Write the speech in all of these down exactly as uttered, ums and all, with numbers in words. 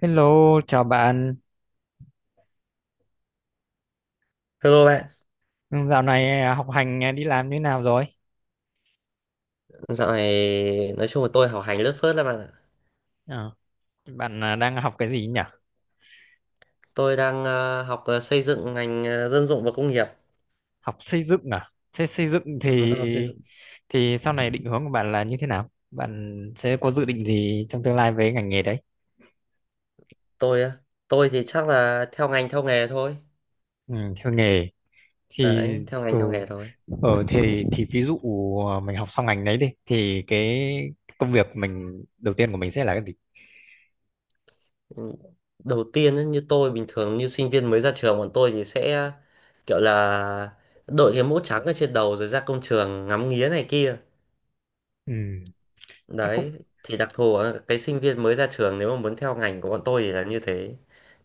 Hello, chào bạn. Hello bạn, Ừ, dạo này à, học hành à, đi làm như nào rồi? dạo này nói chung là tôi học hành lướt phớt lắm bạn ạ. Ờ, bạn à, đang học cái gì nhỉ? Tôi đang ờ, học ờ, xây dựng ngành ờ, dân dụng và công nghiệp. Học xây dựng à? Thế xây dựng Ừ, thì tôi học xây dựng. thì sau này định hướng của bạn là như thế nào? Bạn sẽ có dự định gì trong tương lai với ngành nghề đấy? Tôi á, tôi thì chắc là theo ngành theo nghề thôi. Ừ, theo nghề thì Đấy, theo ngành ừ, theo nghề thôi. ở thì thì ví dụ à, mình học xong ngành đấy đi thì cái công việc mình đầu tiên của mình sẽ là cái gì? Ừ. Đầu tiên ấy, như tôi bình thường như sinh viên mới ra trường bọn tôi thì sẽ kiểu là đội cái mũ trắng ở trên đầu rồi ra công trường ngắm nghía này kia. Ừ, thế cũng Đấy, thì đặc thù ở cái sinh viên mới ra trường nếu mà muốn theo ngành của bọn tôi thì là như thế.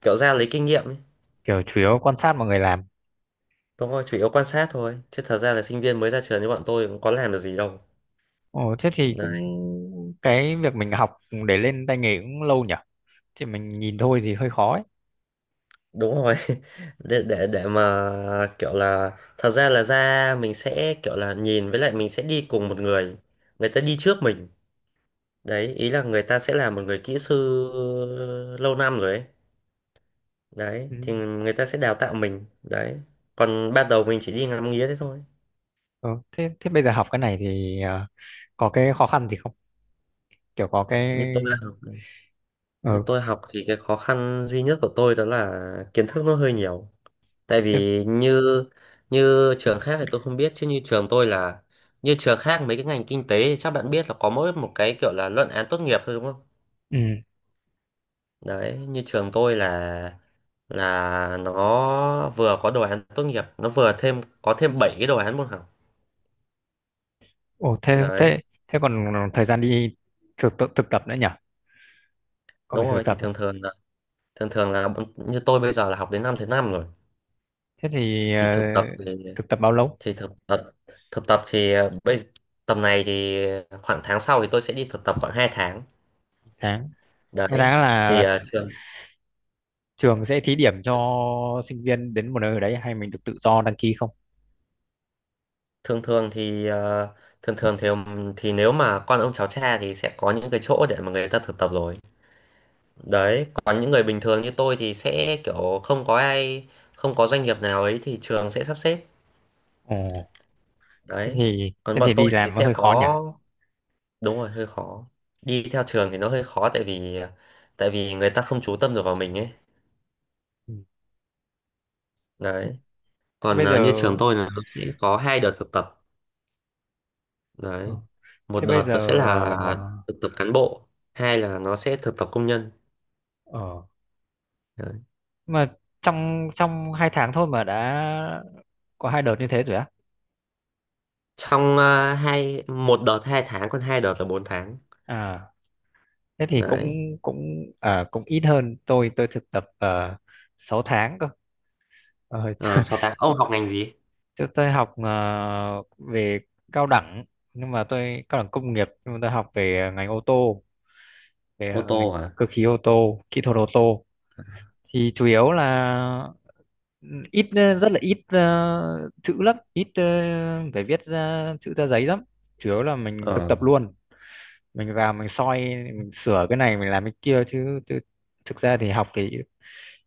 Kiểu ra lấy kinh nghiệm ấy. kiểu chủ yếu quan sát mọi người làm. Đúng rồi, chủ yếu quan sát thôi. Chứ thật ra là sinh viên mới ra trường như bọn tôi cũng có làm được gì đâu. Ồ, thế thì Đấy, cũng cái việc mình học để lên tay nghề cũng lâu nhỉ? Thì mình nhìn thôi thì hơi khó ấy. đúng rồi. Để, để để mà kiểu là thật ra là ra mình sẽ kiểu là nhìn với lại mình sẽ đi cùng một người. Người ta đi trước mình. Đấy, ý là người ta sẽ là một người kỹ sư lâu năm rồi ấy. Đấy, Ừ. thì người ta sẽ đào tạo mình. Đấy. Còn ban đầu mình chỉ đi ngắm nghía thế thôi. Ừ. Thế thế bây giờ học cái này thì ờ, có cái khó khăn gì không? Kiểu có cái Như tôi học, như ờ, tôi học thì cái khó khăn duy nhất của tôi đó là kiến thức nó hơi nhiều. Tại Thế. vì như như trường khác thì tôi không biết, chứ như trường tôi là như trường khác mấy cái ngành kinh tế thì chắc bạn biết là có mỗi một cái kiểu là luận án tốt nghiệp thôi, đúng không? Ừ. Đấy, như trường tôi là là nó vừa có đồ án tốt nghiệp, nó vừa thêm có thêm bảy cái đồ án môn học. Ồ, thế Đấy, thế thế còn thời gian đi thực tập thực tập nữa nhỉ? Có đúng phải thực rồi. Thì tập à? thường thường là thường thường là bọn- như tôi bây giờ là học đến năm thứ năm rồi. Thế thì ờ, Thì thực tập thì thực tập bao lâu? thì thực tập thực tập thì ờ, bây Tầm này thì khoảng tháng sau thì tôi sẽ đi thực tập khoảng hai tháng. Tháng. Hai Đấy. tháng Thì là à, thường trường sẽ thí điểm cho sinh viên đến một nơi ở đấy hay mình được tự do đăng ký không? thường thường thì à, thường thường thì thì nếu mà con ông cháu cha thì sẽ có những cái chỗ để mà người ta thực tập rồi. Đấy, còn những người bình thường như tôi thì sẽ kiểu không có ai không có doanh nghiệp nào ấy thì trường sẽ sắp xếp. Ồ, thế Đấy, thì còn thế bọn thì đi tôi thì làm nó sẽ hơi khó nhỉ? có đúng rồi hơi khó. Đi theo trường thì nó hơi khó tại vì à, tại vì người ta không chú tâm được vào mình ấy. Ừ. Đấy, thế còn bây giờ à, như trường tôi là nó sẽ có hai đợt thực tập. Đấy, ờ, một thế bây đợt nó sẽ giờ là. Dạ vâng. ờ Thực tập cán bộ, hai là nó sẽ thực tập công nhân. ờ, Đấy. mà trong trong hai tháng thôi mà đã có hai đợt như thế rồi á? Trong ờ, hai một đợt hai tháng, còn hai đợt là bốn tháng. À, thế thì cũng Đấy. cũng à, cũng ít hơn tôi tôi thực tập uh, sáu tháng cơ. Ờ, Ờ, sáu tháng ông học ngành gì? chứ tôi học ờ, về cao đẳng, nhưng mà tôi cao đẳng công nghiệp nhưng mà tôi học về ngành ô tô, Ô về ngành tô hả? cơ khí ô tô, kỹ thuật ô tô thì chủ yếu là ừ, ít ờ, rất là ít ờ, chữ lắm, ít ờ, phải viết ra chữ ra giấy lắm, chủ yếu là mình thực ờ tập luôn. Mình vào mình soi, mình sửa cái này mình làm cái kia chứ, chứ thực ra thì học thì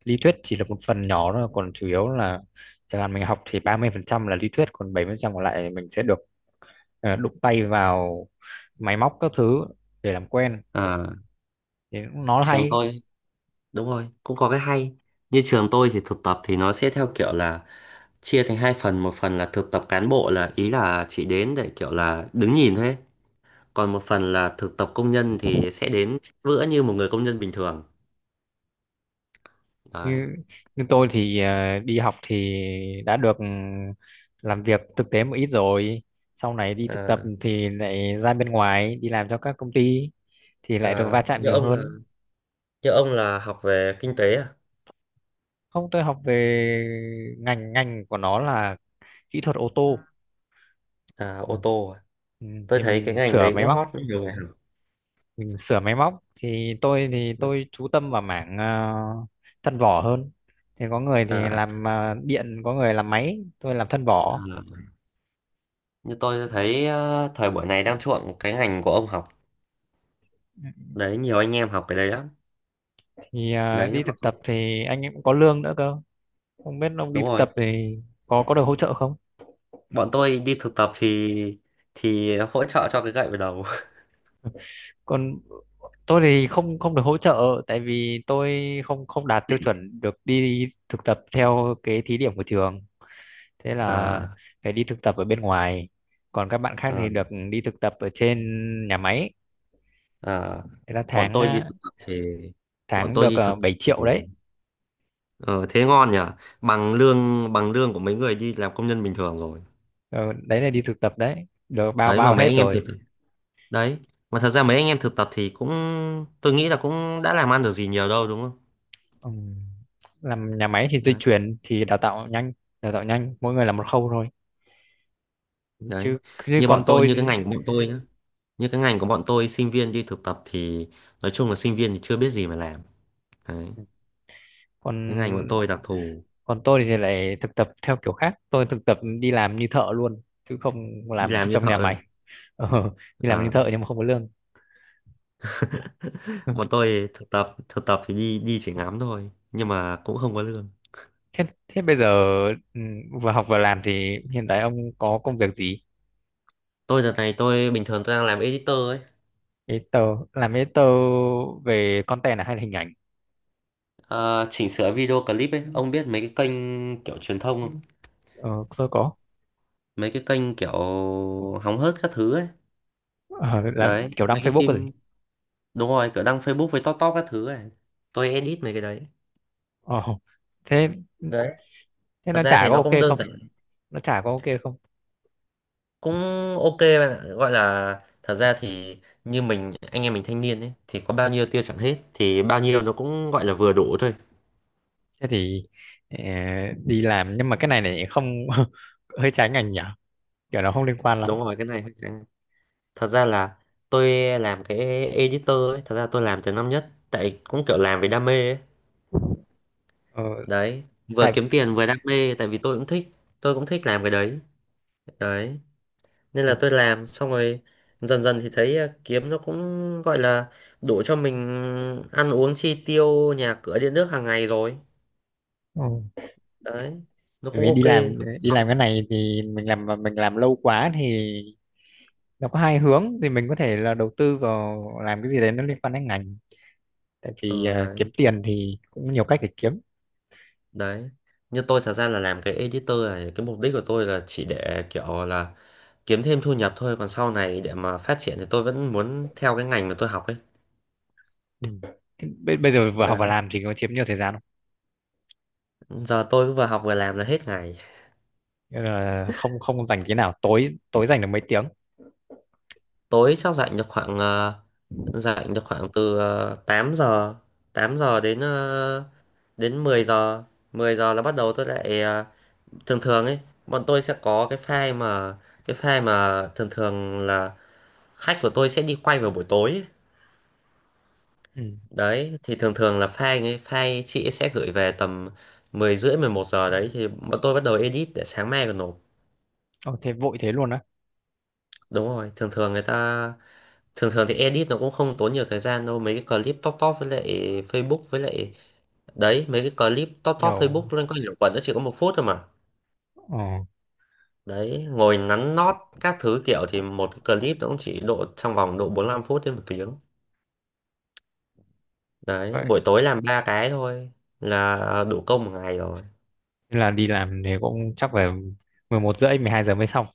lý thuyết chỉ là một phần nhỏ thôi, còn chủ yếu là chẳng hạn mình học thì ba mươi phần trăm là lý thuyết, còn bảy mươi phần trăm còn lại mình sẽ được ờ, đụng tay vào máy móc các thứ để làm quen ờ, thì nó Trường hay. tôi. Đúng rồi, cũng có cái hay. Như trường tôi thì thực tập thì nó sẽ theo kiểu là chia thành hai phần, một phần là thực tập cán bộ là ý là chỉ đến để kiểu là đứng nhìn thôi ấy. Còn một phần là thực tập công nhân thì sẽ đến bữa như một người công nhân bình thường. Đấy. Như như tôi thì ờ, đi học thì đã được ừ, làm việc thực tế một ít rồi, sau này đi thực Ờ. tập thì lại ra bên ngoài đi làm cho các công ty thì lại được À, va chạm như nhiều ông là hơn. như ông là học về kinh tế à? Không, tôi học về ngành ngành của nó là kỹ thuật ô tô. À, Ừ. ô tô à? Ừ, Tôi thì thấy cái mình ngành sửa đấy máy cũng móc. hot, nhiều người học. Mình sửa máy móc thì tôi thì tôi chú tâm vào mảng ờ, thân vỏ hơn, thì có người thì À, làm ờ, điện, có người làm máy, tôi làm thân vỏ à, như tôi thấy ờ, thời buổi này đang chuộng cái ngành của ông học. Đấy, nhiều anh em học cái đấy lắm. thì à, Đấy đi nhưng mà thực tập thì anh ấy cũng có lương nữa cơ. Không biết ông đi đúng thực rồi. tập thì có có được hỗ trợ không? Bọn tôi đi thực tập thì thì hỗ trợ cho cái gậy vào đầu. Còn tôi thì không không được hỗ trợ, tại vì tôi không không đạt tiêu chuẩn được đi thực tập theo cái thí điểm của trường, thế là À, phải đi thực tập ở bên ngoài, còn các bạn khác thì à, được đi thực tập ở trên nhà máy, à. thế là Bọn tháng tôi đi à, thực tập thì bọn tháng tôi được đi à, thực tập 7 thì triệu đấy. ờ, thế ngon nhỉ? Bằng lương bằng lương của mấy người đi làm công nhân bình thường rồi. Ờ, đấy là đi thực tập đấy, được bao Đấy mà bao mấy hết anh em thực rồi. đấy mà thật ra mấy anh em thực tập thì cũng tôi nghĩ là cũng đã làm ăn được gì nhiều đâu, đúng không? Ừ. Làm nhà máy thì dây đấy chuyền thì đào tạo nhanh đào tạo nhanh mỗi người là một khâu thôi. đấy Chứ, chứ như bọn còn tôi tôi như cái thì- ngành của bọn tôi nhá. Như cái ngành của bọn tôi sinh viên đi thực tập thì nói chung là sinh viên thì chưa biết gì mà làm. Đấy, cái ngành bọn còn tôi đặc thù, còn tôi thì lại thực tập theo kiểu khác, tôi thực tập đi làm như thợ luôn, chứ không đi làm làm như trong thợ nhà máy. rồi. ờ, Đi làm như à, thợ nhưng mà không có lương. Ừ. bọn tôi thực tập thực tập thì đi đi chỉ ngắm thôi nhưng mà cũng không có lương. thế thế bây giờ ừ, vừa học vừa làm thì hiện tại ông có công việc gì? Tôi đợt này Tôi bình thường tôi đang làm editor ấy. Editor. Làm editor về content à hay là hình ảnh? Ờ, chỉnh sửa video clip ấy. Ông biết mấy cái kênh kiểu truyền thông không? ờ, tôi có. Mấy cái kênh kiểu hóng hớt các thứ ấy. ờ, làm Đấy, kiểu đăng mấy cái Facebook rồi. phim. Đúng rồi, kiểu đăng Facebook với top top các thứ ấy. Tôi edit mấy cái đấy. ờ, Thế Đấy, thế thật nó ra trả thì có nó ok cũng đơn không? giản. Nó trả có ok không? Cũng ok bạn ạ. Gọi là thật ra thì như mình anh em mình thanh niên ấy thì có bao nhiêu tiêu chẳng hết, thì bao nhiêu nó cũng gọi là vừa đủ thôi. Thế thì ờ, đi làm nhưng mà cái này này không, hơi trái ngành nhở, kiểu nó không liên quan lắm. Đúng rồi, cái này thật ra là tôi làm cái editor ấy, thật ra tôi làm từ năm nhất tại cũng kiểu làm vì đam mê ấy. ờ, Đấy, vừa tại kiếm tiền vừa đam mê tại vì tôi cũng thích. Tôi cũng thích làm cái đấy. Đấy, nên là tôi làm xong rồi dần dần thì thấy ờ, kiếm nó cũng gọi là đủ cho mình ăn uống chi tiêu nhà cửa điện nước hàng ngày rồi. ừ, Đấy, nó Tại cũng vì đi ok. làm đi làm Xong- cái này thì mình làm mà mình làm lâu quá thì nó có hai hướng, thì mình có thể là đầu tư vào làm cái gì đấy nó liên quan đến ngành. Tại vì ờ ờ, đấy kiếm tiền thì cũng nhiều cách để kiếm. đấy như tôi thật ra là làm cái editor này, cái mục đích của tôi là chỉ để kiểu là kiếm thêm thu nhập thôi, còn sau này để mà phát triển thì tôi vẫn muốn theo cái ngành mà tôi học ấy. Ừ. Thế bây, bây giờ vừa học và Đấy, làm thì có chiếm nhiều thời gian không? giờ tôi cứ vừa học vừa làm là hết ngày. Nên là không không dành thế nào, tối tối dành được mấy tiếng. Tối chắc rảnh được khoảng ờ, rảnh được khoảng từ ờ, 8 giờ tám giờ đến ờ, đến mười giờ. Mười giờ là bắt đầu tôi lại ờ, thường thường ấy, bọn tôi sẽ có cái file mà cái file mà thường thường là khách của tôi sẽ đi quay vào buổi tối ấy. Ừ. Đấy, thì thường thường là file ấy, file chị ấy sẽ gửi về tầm mười rưỡi mười một giờ. Đấy, thì bọn tôi bắt đầu edit để sáng mai còn nộp. Ồ, thế vội thế luôn á? Đúng rồi, thường thường người ta thường thường thì edit nó cũng không tốn nhiều thời gian đâu. Mấy cái clip top top với lại Facebook với lại. Đấy, mấy cái clip top top Kiểu Facebook lên coi nhiều quần, nó chỉ có một phút thôi mà. ờ, Đấy, ngồi nắn nót các thứ kiểu thì một cái clip nó cũng chỉ độ trong vòng độ bốn lăm phút đến một tiếng. Đấy, vậy. buổi tối làm ba cái thôi là đủ công một ngày rồi. Thế là đi làm thì cũng chắc phải 11 rưỡi mười hai giờ mới xong.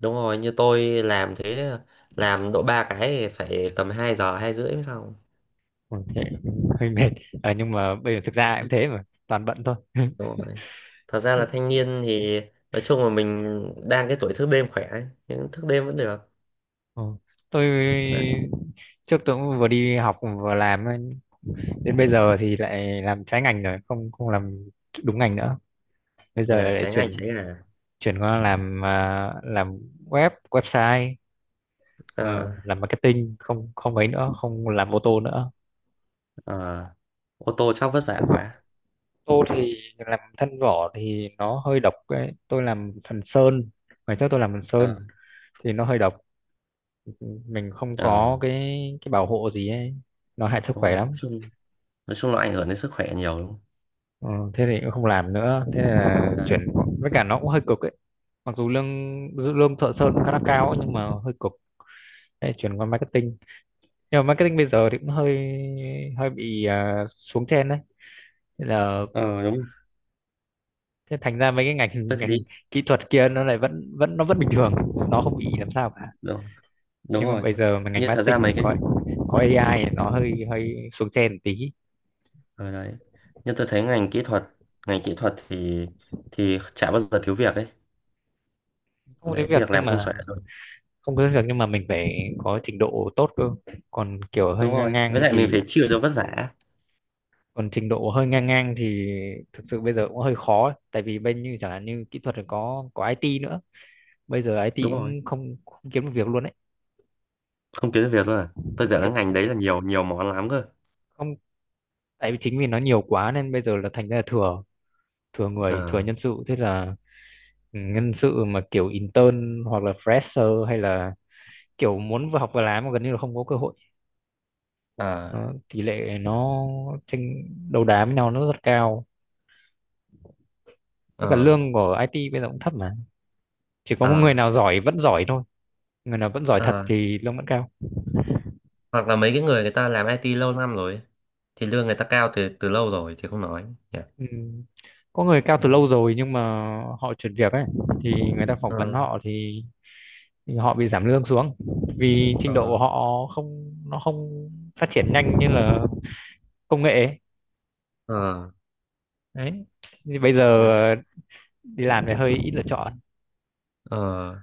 Đúng rồi, như tôi làm thế làm độ ba cái thì phải tầm hai giờ hai rưỡi mới xong. Ừ, thế cũng hơi mệt. Ờ, nhưng mà bây giờ thực ra cũng thế mà toàn bận thôi. Đúng rồi. Thật ra là thanh niên thì nói chung là mình đang cái tuổi thức đêm khỏe ấy. Nhưng thức đêm vẫn được. Ờ, tôi Đấy. trước tôi cũng vừa đi học vừa làm ấy, đến bây giờ thì lại làm trái ngành rồi, không không làm đúng ngành nữa, bây giờ À, lại trái ngành chuyển, trái ngà. chuyển qua làm à, làm web website, ờ, Ờ, làm marketing không không ấy nữa, không làm ô tô nữa. ờ, ô tô chắc vất vả quá. Tôi thì làm thân vỏ thì nó hơi độc ấy. Tôi làm phần sơn. Ngày trước tôi làm phần sơn Ờ, thì nó hơi độc. Mình không ờ, có cái cái bảo hộ gì ấy. Nó hại sức đúng khỏe rồi. Nói lắm. chung, nói chung là ảnh hưởng đến sức khỏe nhiều, đúng không? Ờ, thế thì cũng không làm nữa. Thế là Đấy. chuyển, với cả nó cũng hơi cực ấy. Mặc dù lương lương thợ sơn khá là cao ấy, nhưng mà hơi cực. Thế là chuyển qua marketing. Nhưng mà marketing bây giờ thì cũng hơi hơi bị à, xuống trend đấy. Thế là Ờ, đúng. thế, thành ra mấy cái ngành Tôi thấy ngành kỹ thuật kia nó lại vẫn vẫn nó vẫn bình thường. Nó không bị làm sao cả, đúng, đúng nhưng mà rồi. bây giờ mà ngành Như thật ra marketing thì mấy có cái có a i thì nó hơi hơi xuống trend một tí. ở đấy. Nhưng tôi thấy ngành kỹ thuật, ngành kỹ thuật thì thì chả bao giờ thiếu việc ấy. Không Đấy, đến việc việc làm nhưng không mà xuể rồi. không có đến việc, nhưng mà mình phải có trình độ tốt cơ, còn kiểu hơi Đúng ngang rồi, với ngang lại mình thì, phải chịu được vất vả. còn trình độ hơi ngang ngang thì thực sự bây giờ cũng hơi khó ấy. Tại vì bên như chẳng hạn như kỹ thuật thì có có ai ti nữa, bây giờ i tê Đúng rồi. cũng không, không kiếm được việc luôn đấy. Không kiếm được việc luôn à? Tôi Không tưởng là kiếm ngành đấy là nhiều nhiều món lắm cơ. không, tại vì chính vì nó nhiều quá nên bây giờ là thành ra là thừa, thừa người thừa à, nhân sự. Thế là ừ, nhân sự mà kiểu intern hoặc là fresher hay là kiểu muốn vừa học vừa làm mà gần như là không có cơ hội. ờ Nó, tỷ lệ nó tranh đấu đá với nhau nó rất cao. Với cả ờ lương của i tê bây giờ cũng thấp mà, chỉ có một người ờ nào giỏi vẫn giỏi thôi, người nào vẫn giỏi thật ờ thì lương vẫn cao. Hoặc là mấy cái người người ta làm i tê lâu năm rồi ấy, thì lương người ta cao từ từ lâu rồi thì không nói, nhỉ. Ừ. Có người cao từ Đấy. lâu rồi nhưng mà họ chuyển việc ấy thì người ta phỏng ờ vấn họ thì, thì họ bị giảm lương xuống vì trình độ ờ của họ không nó không phát triển nhanh như là công nghệ ấy. ờ Đấy thì bây giờ Đấy. đi làm thì hơi ít lựa chọn. ờ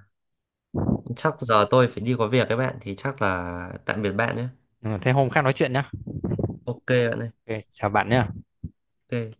Chắc giờ tôi phải đi, có việc các bạn thì chắc là tạm biệt bạn nhé. Ừ, thế hôm khác nói chuyện nhá. Ok bạn ơi. Ok, chào bạn nhé. Ok.